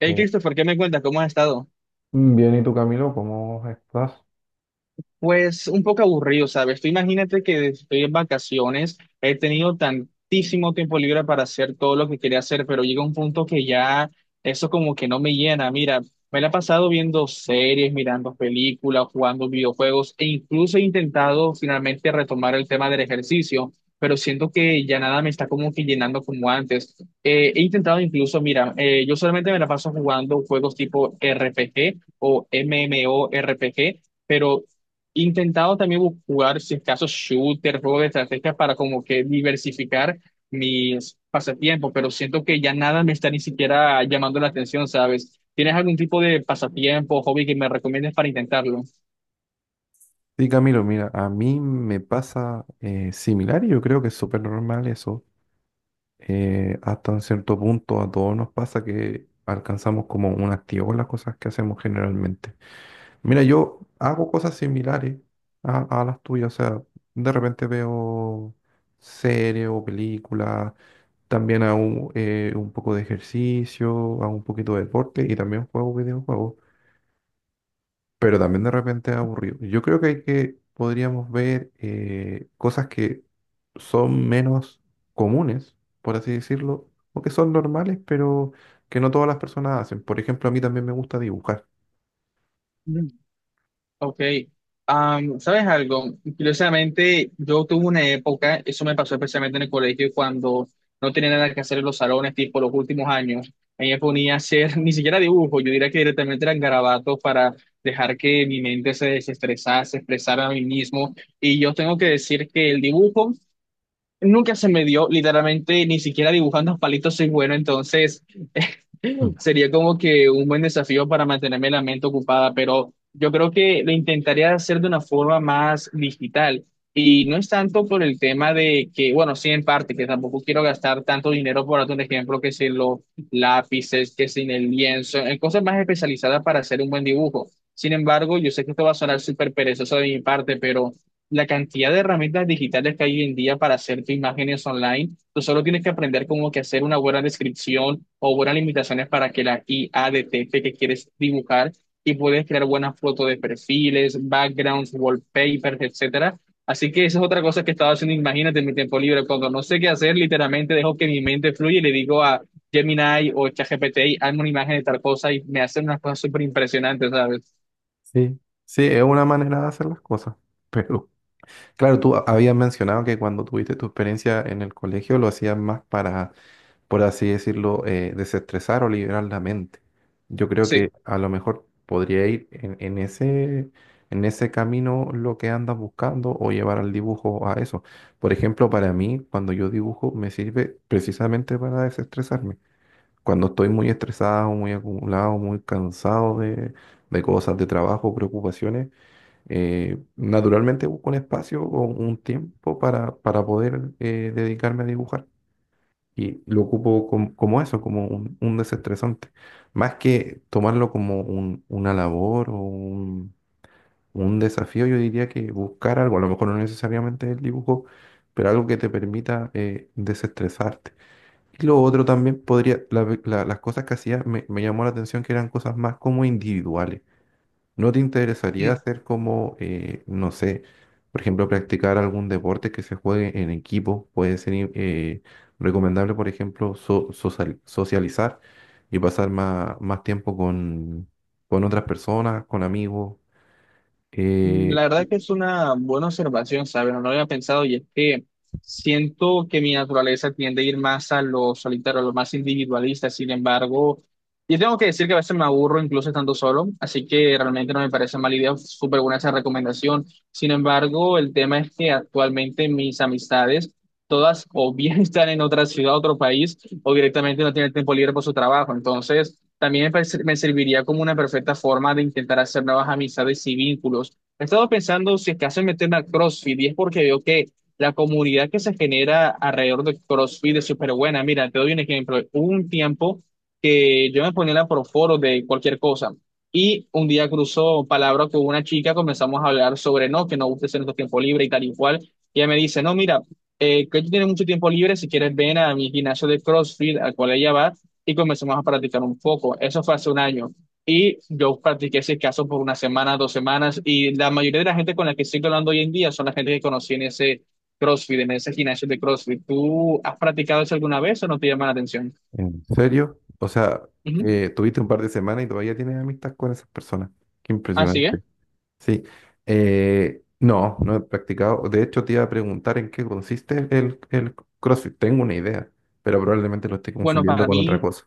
Hey Eh, Christopher, ¿qué me cuentas? ¿Cómo has estado? Bien, ¿y tú, Camilo? ¿Cómo estás? Pues un poco aburrido, ¿sabes? Tú imagínate que estoy en vacaciones, he tenido tantísimo tiempo libre para hacer todo lo que quería hacer, pero llega un punto que ya eso como que no me llena. Mira, me la he pasado viendo series, mirando películas, jugando videojuegos e incluso he intentado finalmente retomar el tema del ejercicio, pero siento que ya nada me está como que llenando como antes. He intentado incluso, mira, yo solamente me la paso jugando juegos tipo RPG o MMORPG, pero intentado también jugar, si es caso, shooter, juego de estrategia para como que diversificar mis pasatiempos, pero siento que ya nada me está ni siquiera llamando la atención, ¿sabes? ¿Tienes algún tipo de pasatiempo, hobby que me recomiendes para intentarlo? Sí, Camilo, mira, a mí me pasa similar, y yo creo que es súper normal eso. Hasta un cierto punto a todos nos pasa que alcanzamos como un activo en las cosas que hacemos generalmente. Mira, yo hago cosas similares a las tuyas, o sea, de repente veo series o películas, también hago un poco de ejercicio, hago un poquito de deporte y también juego videojuegos. Pero también de repente es aburrido. Yo creo que hay que, podríamos ver cosas que son menos comunes, por así decirlo, o que son normales, pero que no todas las personas hacen. Por ejemplo, a mí también me gusta dibujar. Ok. ¿Sabes algo? Curiosamente, yo tuve una época, eso me pasó especialmente en el colegio, cuando no tenía nada que hacer en los salones, tipo los últimos años. Ahí me ponía a hacer ni siquiera dibujo, yo diría que directamente eran garabatos para dejar que mi mente se desestresase, expresara a mí mismo. Y yo tengo que decir que el dibujo nunca se me dio, literalmente, ni siquiera dibujando palitos soy bueno, entonces. Mm. Sería como que un buen desafío para mantenerme la mente ocupada, pero yo creo que lo intentaría hacer de una forma más digital. Y no es tanto por el tema de que, bueno, sí en parte, que tampoco quiero gastar tanto dinero, por darte un ejemplo, que si los lápices, que sin el lienzo, en cosas más especializadas para hacer un buen dibujo. Sin embargo, yo sé que esto va a sonar súper perezoso de mi parte, pero la cantidad de herramientas digitales que hay hoy en día para hacer tus imágenes online. Tú solo tienes que aprender como que hacer una buena descripción o buenas limitaciones para que la IA detecte que quieres dibujar y puedes crear buenas fotos de perfiles, backgrounds, wallpapers, etcétera. Así que esa es otra cosa que estaba haciendo, imagínate, en mi tiempo libre. Cuando no sé qué hacer, literalmente dejo que mi mente fluya y le digo a Gemini o ChatGPT, hazme una imagen de tal cosa y me hacen unas cosas súper impresionantes, ¿sabes? Sí, sí, es una manera de hacer las cosas. Pero claro, tú habías mencionado que cuando tuviste tu experiencia en el colegio lo hacías más para, por así decirlo, desestresar o liberar la mente. Yo creo Sí. que a lo mejor podría ir en ese camino lo que andas buscando, o llevar al dibujo a eso. Por ejemplo, para mí, cuando yo dibujo, me sirve precisamente para desestresarme. Cuando estoy muy estresado, muy acumulado, muy cansado de cosas de trabajo, preocupaciones, naturalmente busco un espacio o un tiempo para poder dedicarme a dibujar. Y lo ocupo como eso, como un desestresante. Más que tomarlo como una labor o un desafío, yo diría que buscar algo, a lo mejor no necesariamente el dibujo, pero algo que te permita desestresarte. Y lo otro también podría, las cosas que hacía me llamó la atención que eran cosas más como individuales. ¿No te interesaría Mm. hacer como, no sé, por ejemplo, practicar algún deporte que se juegue en equipo? Puede ser recomendable, por ejemplo, socializar y pasar más tiempo con otras personas, con amigos. Eh, La verdad que es una buena observación, ¿sabes? No lo había pensado y es que siento que mi naturaleza tiende a ir más a lo solitario, a lo más individualista, sin embargo, yo tengo que decir que a veces me aburro incluso estando solo, así que realmente no me parece mala idea, súper buena esa recomendación. Sin embargo, el tema es que actualmente mis amistades todas o bien están en otra ciudad, otro país, o directamente no tienen tiempo libre por su trabajo, entonces también me me serviría como una perfecta forma de intentar hacer nuevas amistades y vínculos. He estado pensando si es que hacen meterme a CrossFit y es porque veo que la comunidad que se genera alrededor de CrossFit es súper buena. Mira, te doy un ejemplo. Hubo un tiempo que yo me ponía la proforo de cualquier cosa y un día cruzó palabra con una chica, comenzamos a hablar sobre no, que no gusta hacer nuestro tiempo libre y tal y cual. Y ella me dice, no, mira, que tú tienes mucho tiempo libre, si quieres ven a mi gimnasio de CrossFit al cual ella va y comenzamos a practicar un poco. Eso fue hace un año. Y yo practiqué ese caso por una semana, dos semanas, y la mayoría de la gente con la que estoy hablando hoy en día son la gente que conocí en ese CrossFit, en ese gimnasio de CrossFit. ¿Tú has practicado eso alguna vez o no te llama la atención? ¿En serio? O sea, Ujú. Tuviste un par de semanas y todavía tienes amistad con esas personas. Qué Así impresionante. es. Sí, no, no he practicado. De hecho, te iba a preguntar en qué consiste el CrossFit. Tengo una idea, pero probablemente lo esté Bueno, confundiendo para con otra mí. cosa.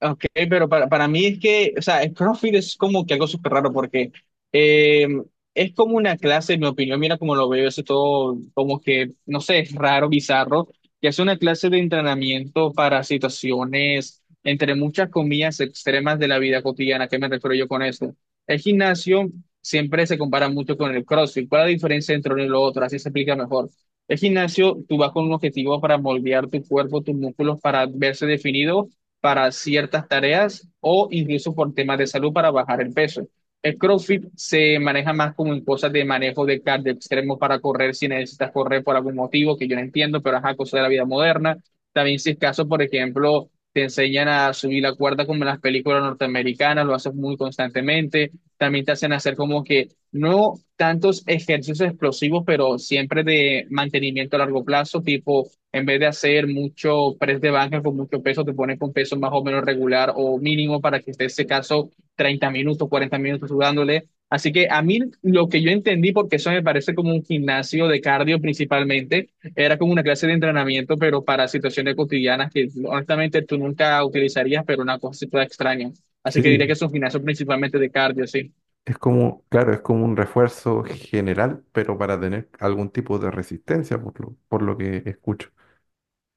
Ok, pero para mí es que, o sea, el CrossFit es como que algo súper raro porque eh, es como una clase, en mi opinión, mira cómo lo veo, eso todo como que, no sé, es raro, bizarro, que es una clase de entrenamiento para situaciones, entre muchas comillas, extremas de la vida cotidiana. ¿A ¿Qué me refiero yo con eso? El gimnasio siempre se compara mucho con el CrossFit. ¿Cuál es la diferencia entre uno y lo otro? Así se explica mejor. El gimnasio, tú vas con un objetivo para moldear tu cuerpo, tus músculos, para verse definido para ciertas tareas o incluso por temas de salud para bajar el peso. El CrossFit se maneja más como en cosas de manejo de cardio extremo para correr si necesitas correr por algún motivo que yo no entiendo, pero es cosa de la vida moderna. También si es caso, por ejemplo, te enseñan a subir la cuerda como en las películas norteamericanas, lo haces muy constantemente. También te hacen hacer como que no tantos ejercicios explosivos, pero siempre de mantenimiento a largo plazo, tipo en vez de hacer mucho press de banca con mucho peso, te pones con peso más o menos regular o mínimo para que esté ese caso 30 minutos, 40 minutos sudándole. Así que a mí lo que yo entendí, porque eso me parece como un gimnasio de cardio principalmente, era como una clase de entrenamiento, pero para situaciones cotidianas que honestamente tú nunca utilizarías, pero una cosa así toda extraña. Así que diría que Sí, es un gimnasio principalmente de cardio, sí. es como, claro, es como un refuerzo general, pero para tener algún tipo de resistencia, por lo que escucho.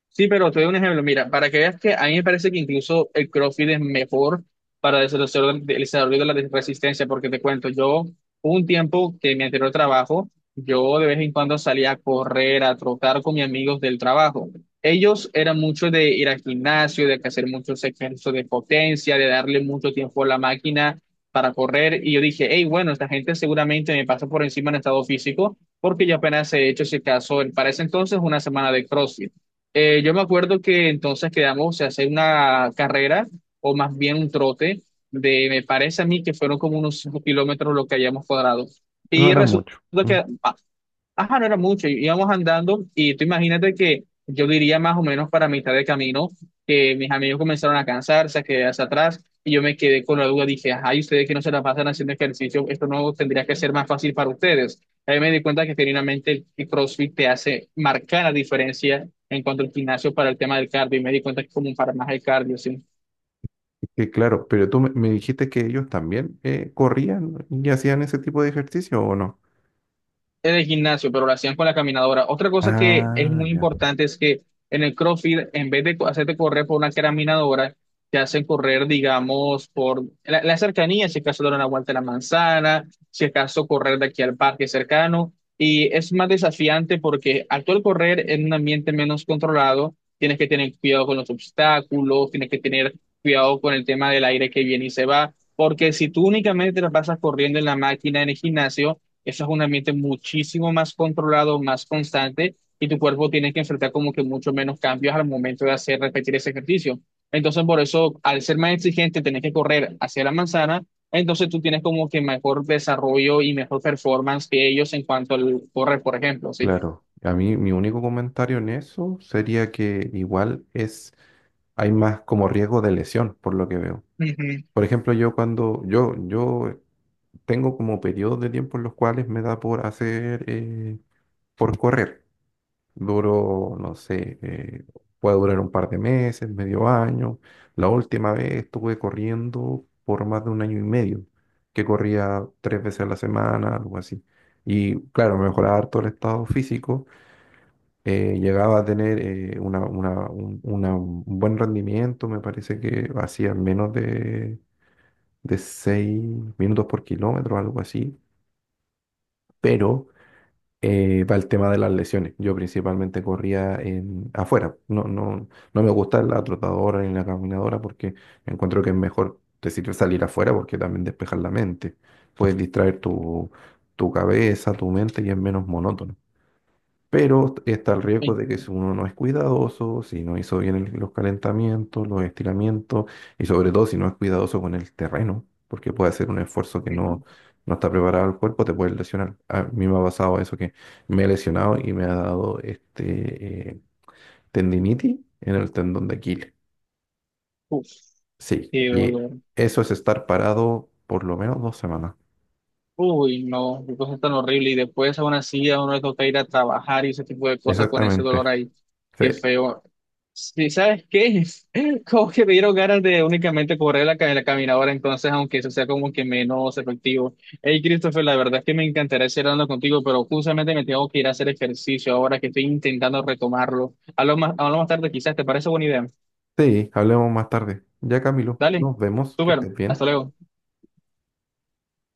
Sí, pero te doy un ejemplo. Mira, para que veas que a mí me parece que incluso el CrossFit es mejor para el desarrollo de la resistencia, porque te cuento, yo hubo un tiempo que en mi anterior trabajo, yo de vez en cuando salía a correr, a trotar con mis amigos del trabajo. Ellos eran mucho de ir al gimnasio, de hacer muchos ejercicios de potencia, de darle mucho tiempo a la máquina para correr. Y yo dije, hey, bueno, esta gente seguramente me pasa por encima en estado físico, porque yo apenas he hecho, si acaso, para ese entonces, una semana de CrossFit. Yo me acuerdo que entonces quedamos, se hace una carrera o más bien un trote de, me parece a mí que fueron como unos 5 kilómetros lo que hayamos cuadrado. No Y era resulta mucho. Mm. que, ajá, no era mucho, íbamos andando y tú imagínate que yo diría más o menos para mitad de camino que mis amigos comenzaron a cansarse, a quedarse atrás y yo me quedé con la duda, dije, ajá, y ustedes que no se la pasan haciendo ejercicio, esto no tendría que ser más fácil para ustedes. Ahí me di cuenta que genuinamente el CrossFit te hace marcar la diferencia en cuanto al gimnasio para el tema del cardio y me di cuenta que es como para más el cardio, ¿sí? Que claro, pero tú me dijiste que ellos también corrían y hacían ese tipo de ejercicio, ¿o no? En el gimnasio, pero lo hacían con la caminadora. Otra cosa que es Ah, muy ya. importante es que en el CrossFit, en vez de hacerte correr por una caminadora, te hacen correr, digamos, por la cercanía, si acaso dar una vuelta a la manzana, si acaso correr de aquí al parque cercano. Y es más desafiante porque al tú correr en un ambiente menos controlado, tienes que tener cuidado con los obstáculos, tienes que tener cuidado con el tema del aire que viene y se va, porque si tú únicamente te la pasas corriendo en la máquina, en el gimnasio, eso es un ambiente muchísimo más controlado, más constante, y tu cuerpo tiene que enfrentar como que mucho menos cambios al momento de hacer repetir ese ejercicio. Entonces, por eso, al ser más exigente, tenés que correr hacia la manzana, entonces tú tienes como que mejor desarrollo y mejor performance que ellos en cuanto al correr, por ejemplo, ¿sí? Claro, a mí mi único comentario en eso sería que igual es, hay más como riesgo de lesión, por lo que veo. Ujú. Por ejemplo, yo tengo como periodos de tiempo en los cuales me da por hacer, por correr. Duro, no sé, puede durar un par de meses, medio año. La última vez estuve corriendo por más de un año y medio, que corría tres veces a la semana, algo así. Y claro, mejoraba harto el estado físico, llegaba a tener un buen rendimiento, me parece que hacía menos de 6 minutos por kilómetro, algo así, pero para el tema de las lesiones, yo principalmente corría afuera, no, no, no me gusta la trotadora ni la caminadora porque encuentro que es mejor, te sirve salir afuera porque también despejas la mente, puedes distraer tu cabeza, tu mente, y es menos monótono. Pero está el riesgo Ay, de que pero. si uno no es cuidadoso, si no hizo bien los calentamientos, los estiramientos, y sobre todo si no es cuidadoso con el terreno, porque puede hacer un esfuerzo que no, Ujú. no está preparado el cuerpo, te puede lesionar. A mí me ha pasado eso que me he lesionado y me ha dado tendinitis en el tendón de Aquiles. Uf, Sí, qué y dolor. eso es estar parado por lo menos 2 semanas. Uy, no, qué cosa tan horrible. Y después aún así a uno le toca ir a trabajar y ese tipo de cosas con ese dolor Exactamente. ahí. Sí, Qué feo. Sí, ¿sabes qué? Como que me dieron ganas de únicamente correr la, la caminadora, entonces, aunque eso sea como que menos efectivo. Hey, Christopher, la verdad es que me encantaría seguir hablando contigo, pero justamente me tengo que ir a hacer ejercicio ahora que estoy intentando retomarlo. Hablo más tarde, quizás, ¿te parece buena idea? sí, hablemos más tarde. Ya, Camilo, Dale, nos vemos, que súper, estés bien. hasta luego.